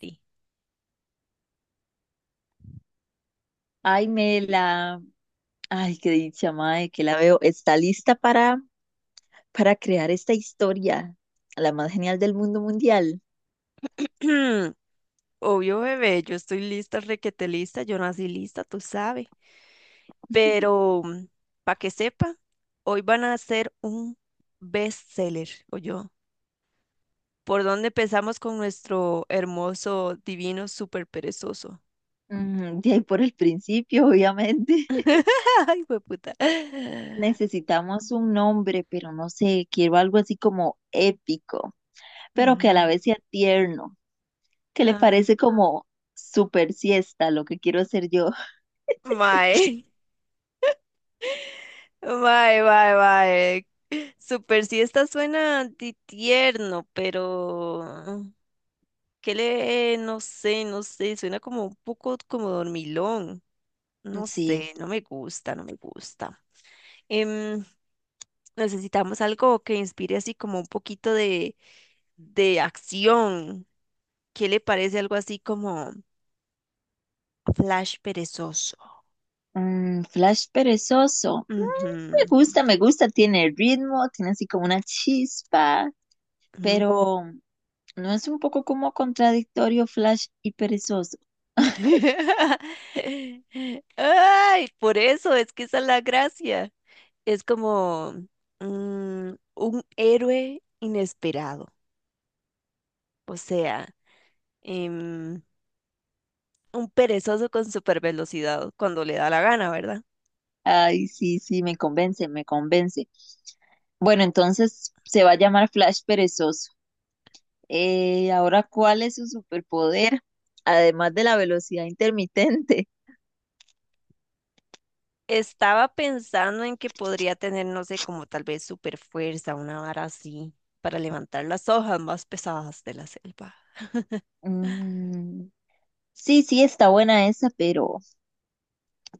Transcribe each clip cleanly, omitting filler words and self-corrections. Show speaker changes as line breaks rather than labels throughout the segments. Sí.
Ay, Mela, ay, qué dicha, mae, que la veo. Está lista para crear esta historia, la más genial del mundo mundial.
Obvio, bebé, yo estoy lista, requete lista, yo nací lista, tú sabes. Pero, para que sepa, hoy van a hacer un bestseller, o yo. ¿Por dónde empezamos con nuestro hermoso, divino, súper perezoso?
De ahí por el principio, obviamente.
Ay, puta.
Necesitamos un nombre, pero no sé, quiero algo así como épico, pero que a la
Ujú.
vez sea tierno, que le
Ah,
parece como super siesta, lo que quiero hacer yo.
mae, mae, mae, mae. Super siesta suena tierno, pero que le, no sé, no sé, suena como un poco como dormilón. No
Sí,
sé, no me gusta, no me gusta. Em, Necesitamos algo que inspire así como un poquito de acción. ¿Qué le parece algo así como Flash perezoso?
Flash perezoso.
Ujú,
Me gusta, tiene ritmo, tiene así como una chispa,
ujú.
pero ¿no es un poco como contradictorio, Flash y perezoso?
Ay, por eso es que esa es la gracia. Es como un héroe inesperado. O sea, em, un perezoso con super velocidad cuando le da la gana, ¿verdad?
Ay, sí, sí, me convence, me convence. Bueno, entonces se va a llamar Flash perezoso. Ahora, ¿cuál es su superpoder? Además de la velocidad intermitente.
Estaba pensando en que podría tener, no sé, como tal vez super fuerza, una vara así, para levantar las hojas más pesadas de la selva.
Mm, sí, sí, está buena esa,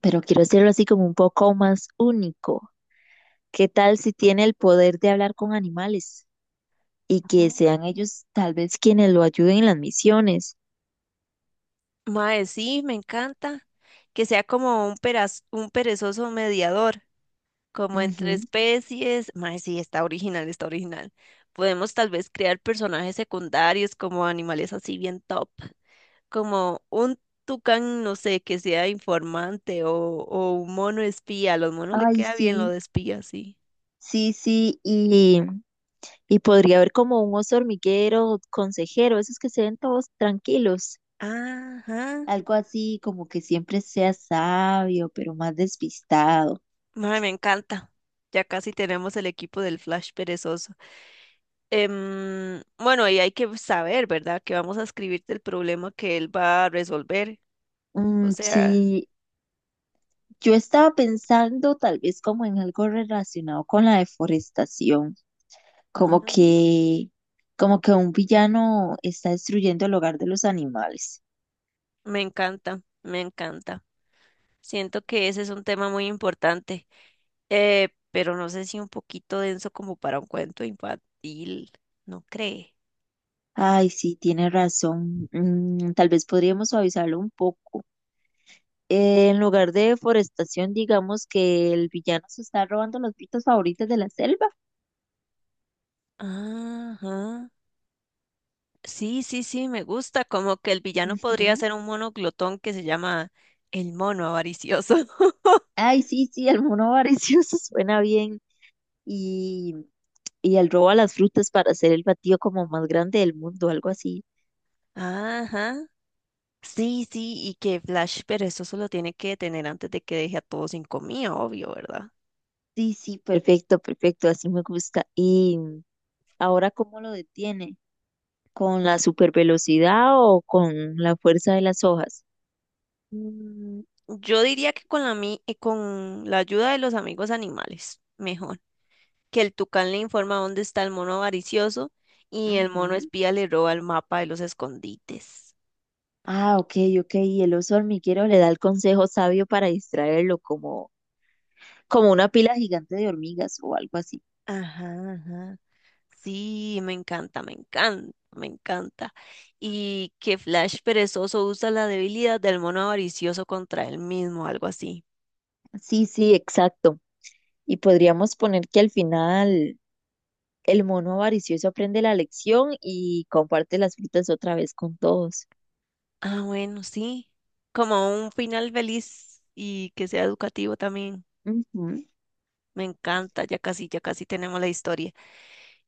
pero quiero hacerlo así como un poco más único. ¿Qué tal si tiene el poder de hablar con animales y que
Ujú.
sean ellos tal vez quienes lo ayuden en las misiones?
Mae, sí, me encanta. Que sea como un un perezoso mediador, como entre especies. Mae, sí, está original, está original. Podemos tal vez crear personajes secundarios como animales así bien top, como un tucán, no sé, que sea informante o un mono espía. A los monos le
Ay,
queda bien lo
sí,
de espía, sí.
sí, sí, y podría haber como un oso hormiguero, consejero, esos que se ven todos tranquilos,
Ajá.
algo así como que siempre sea sabio, pero más despistado.
Mae, me encanta. Ya casi tenemos el equipo del Flash perezoso. Bueno, y hay que saber, ¿verdad?, que vamos a escribirte el problema que él va a resolver. O sea,
Sí, yo estaba pensando tal vez como en algo relacionado con la deforestación,
ah,
como que, como que un villano está destruyendo el hogar de los animales.
me encanta, me encanta. Siento que ese es un tema muy importante. Pero no sé si un poquito denso como para un cuento infantil, ¿no cree?
Ay, sí, tiene razón. Tal vez podríamos suavizarlo un poco. En lugar de deforestación, digamos que el villano se está robando las frutas favoritas de la selva.
Ajá. Sí, sí, sí, me gusta. Como que el villano podría
Ujú.
ser un mono glotón que se llama el mono avaricioso.
Ay, sí, sí, Almodóvar, sí, eso suena bien. Y, y el robo a las frutas para hacer el batido como más grande del mundo, algo así.
Ajá. Sí, sí, y que Flash, pero eso solo tiene que detener antes de que deje a todos sin comida, obvio, ¿verdad?
Sí, sí, perfecto, perfecto, así me gusta. ¿Y ahora cómo lo detiene? ¿Con la supervelocidad o con la fuerza de las hojas?
Mm, yo diría que con con la ayuda de los amigos animales, mejor. Que el tucán le informa dónde está el mono avaricioso y el mono
Ujú.
espía le roba el mapa de los escondites.
Ah, ok, ok. Y el oso hormiguero le da el consejo sabio para distraerlo, como una pila gigante de hormigas o algo así.
Ajá, ajá. Sí, me encanta, me encanta, me encanta. Y que Flash perezoso usa la debilidad del mono avaricioso contra él mismo, algo así.
Sí, sí, exacto. Y podríamos poner que al final el mono avaricioso aprende la lección y comparte las frutas otra vez con todos.
Ah, bueno, sí. Como un final feliz y que sea educativo también.
Ujú.
Me encanta, ya casi tenemos la historia.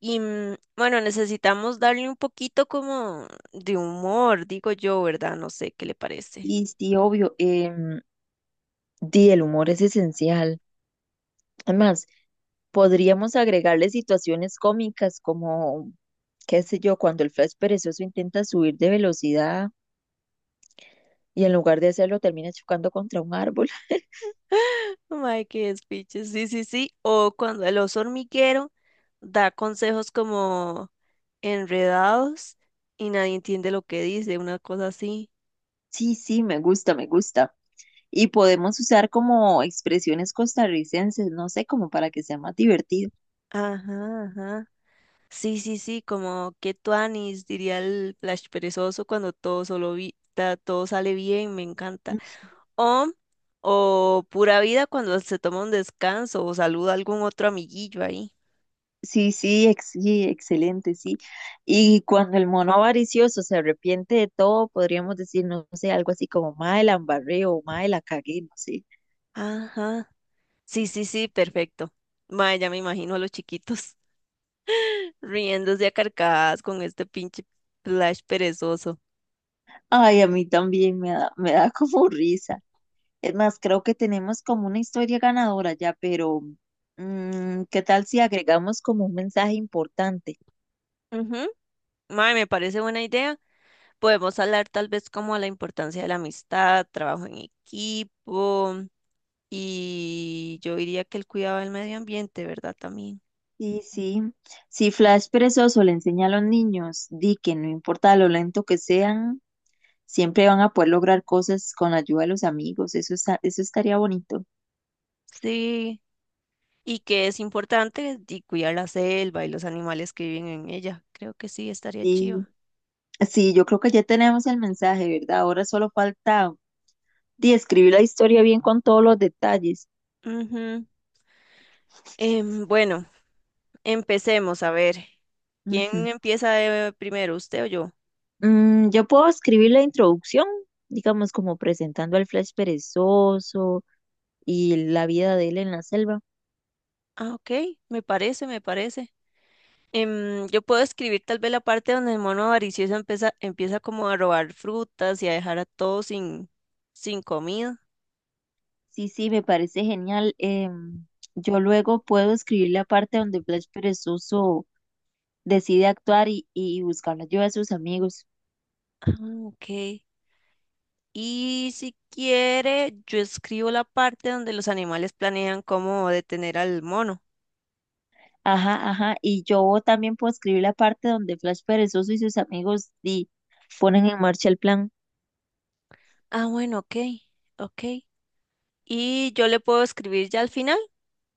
Y mm, bueno, necesitamos darle un poquito como de humor, digo yo, ¿verdad? No sé qué le parece.
Y sí, obvio, di, el humor es esencial. Además, podríamos agregarle situaciones cómicas como, qué sé yo, cuando el Flash perezoso intenta subir de velocidad y en lugar de hacerlo termina chocando contra un árbol.
Ay, qué despiche. Sí, sí, sí. O cuando el oso hormiguero da consejos como enredados y nadie entiende lo que dice, una cosa así.
Sí, sí, me gusta, me gusta. Y podemos usar como expresiones costarricenses, no sé, como para que sea más divertido.
Ajá, ajá. Sí, sí, sí, como que tuanis, diría el Flash perezoso cuando todo solo todo sale bien, me encanta.
Mm,
O, o pura vida cuando se toma un descanso o saluda a algún otro amiguillo ahí.
Sí, sí, sí, excelente, sí. Y cuando el mono avaricioso se arrepiente de todo, podríamos decir, no sé, algo así como, mae, la embarré o mae, la cagué, no sé.
Ajá. Sí, sí, sí, perfecto. Mae, ya me imagino a los chiquitos riéndose a carcajadas con este pinche Flash perezoso.
Ay, a mí también me da como risa. Es más, creo que tenemos como una historia ganadora ya, pero ¿qué tal si agregamos como un mensaje importante?
Ujú. Mae, me parece buena idea. Podemos hablar tal vez como a la importancia de la amistad, trabajo en equipo. Y yo diría que el cuidado del medio ambiente, ¿verdad?, también.
Sí, sí. Si Flash perezoso le enseña a los niños, di que no importa lo lento que sean, siempre van a poder lograr cosas con la ayuda de los amigos. Eso está, eso estaría bonito.
Sí. Y que es importante y cuidar la selva y los animales que viven en ella. Creo que sí, estaría chido.
Y sí, yo creo que ya tenemos el mensaje, ¿verdad? Ahora solo falta di, escribir la historia bien con todos los detalles.
Ujú. Bueno, empecemos a ver. ¿Quién
Ujú.
empieza primero, usted o yo?
Yo puedo escribir la introducción, digamos, como presentando al Flash perezoso y la vida de él en la selva.
Ah, ok, me parece, me parece. Yo puedo escribir tal vez la parte donde el mono avaricioso empieza como a robar frutas y a dejar a todos sin comida.
Sí, sí, me parece genial. Em, yo luego puedo escribir la parte donde Blas Perezoso decide actuar y buscar la ayuda de sus amigos.
Ah, ok. Y si quiere, yo escribo la parte donde los animales planean cómo detener al mono.
Ajá, ajá. Y yo también puedo escribir la parte donde Flash Perezoso y sus amigos ponen en marcha el plan.
Ah, bueno, ok, ok. Y yo le puedo escribir ya al final,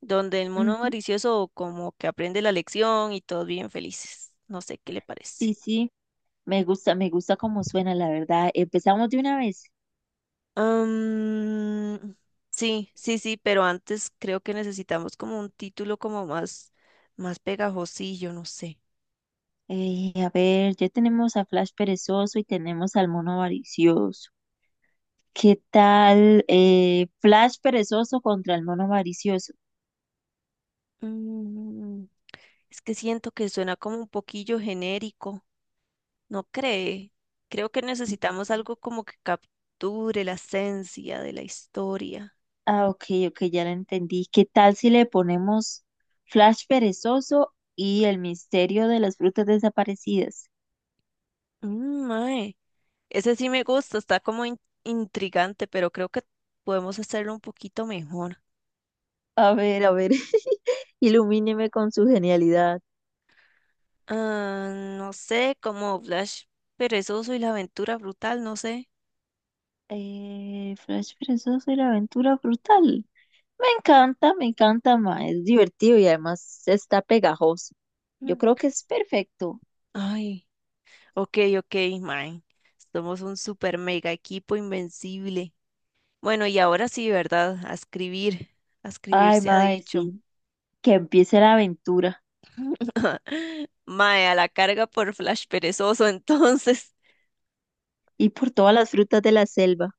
donde el mono
Ujú,
avaricioso como que aprende la lección y todos bien felices. No sé qué le parece.
sí, sí, me gusta cómo suena, la verdad. Empezamos de una vez.
Am, sí, sí, sí, pero antes creo que necesitamos como un título como más, más pegajosillo, no sé.
A ver, ya tenemos a Flash Perezoso y tenemos al mono avaricioso. ¿Qué tal Flash Perezoso contra el mono avaricioso?
Mm, es que siento que suena como un poquillo genérico, ¿no cree? Creo que necesitamos algo como que capture la esencia de la historia.
Ah, ok, ok, ya lo entendí. ¿Qué tal si le ponemos Flash Perezoso y el misterio de las frutas desaparecidas?
Mm, mae, ese sí me gusta, está como intrigante, pero creo que podemos hacerlo un poquito mejor.
A ver, ilumíneme con su genialidad.
Ah, no sé, como Flash perezoso y la aventura brutal, no sé.
Flash Perezoso y la aventura frutal. Me encanta, ma. Es divertido y además está pegajoso. Yo
Mm.
creo que es perfecto.
Ay, ok, ok, man. Somos un super mega equipo invencible. Bueno, y ahora sí, ¿verdad?, a escribir. A escribir
Ay,
se ha
ma,
dicho.
sí. Que empiece la aventura
Mae, a la carga por Flash perezoso, entonces.
y por todas las frutas de la selva.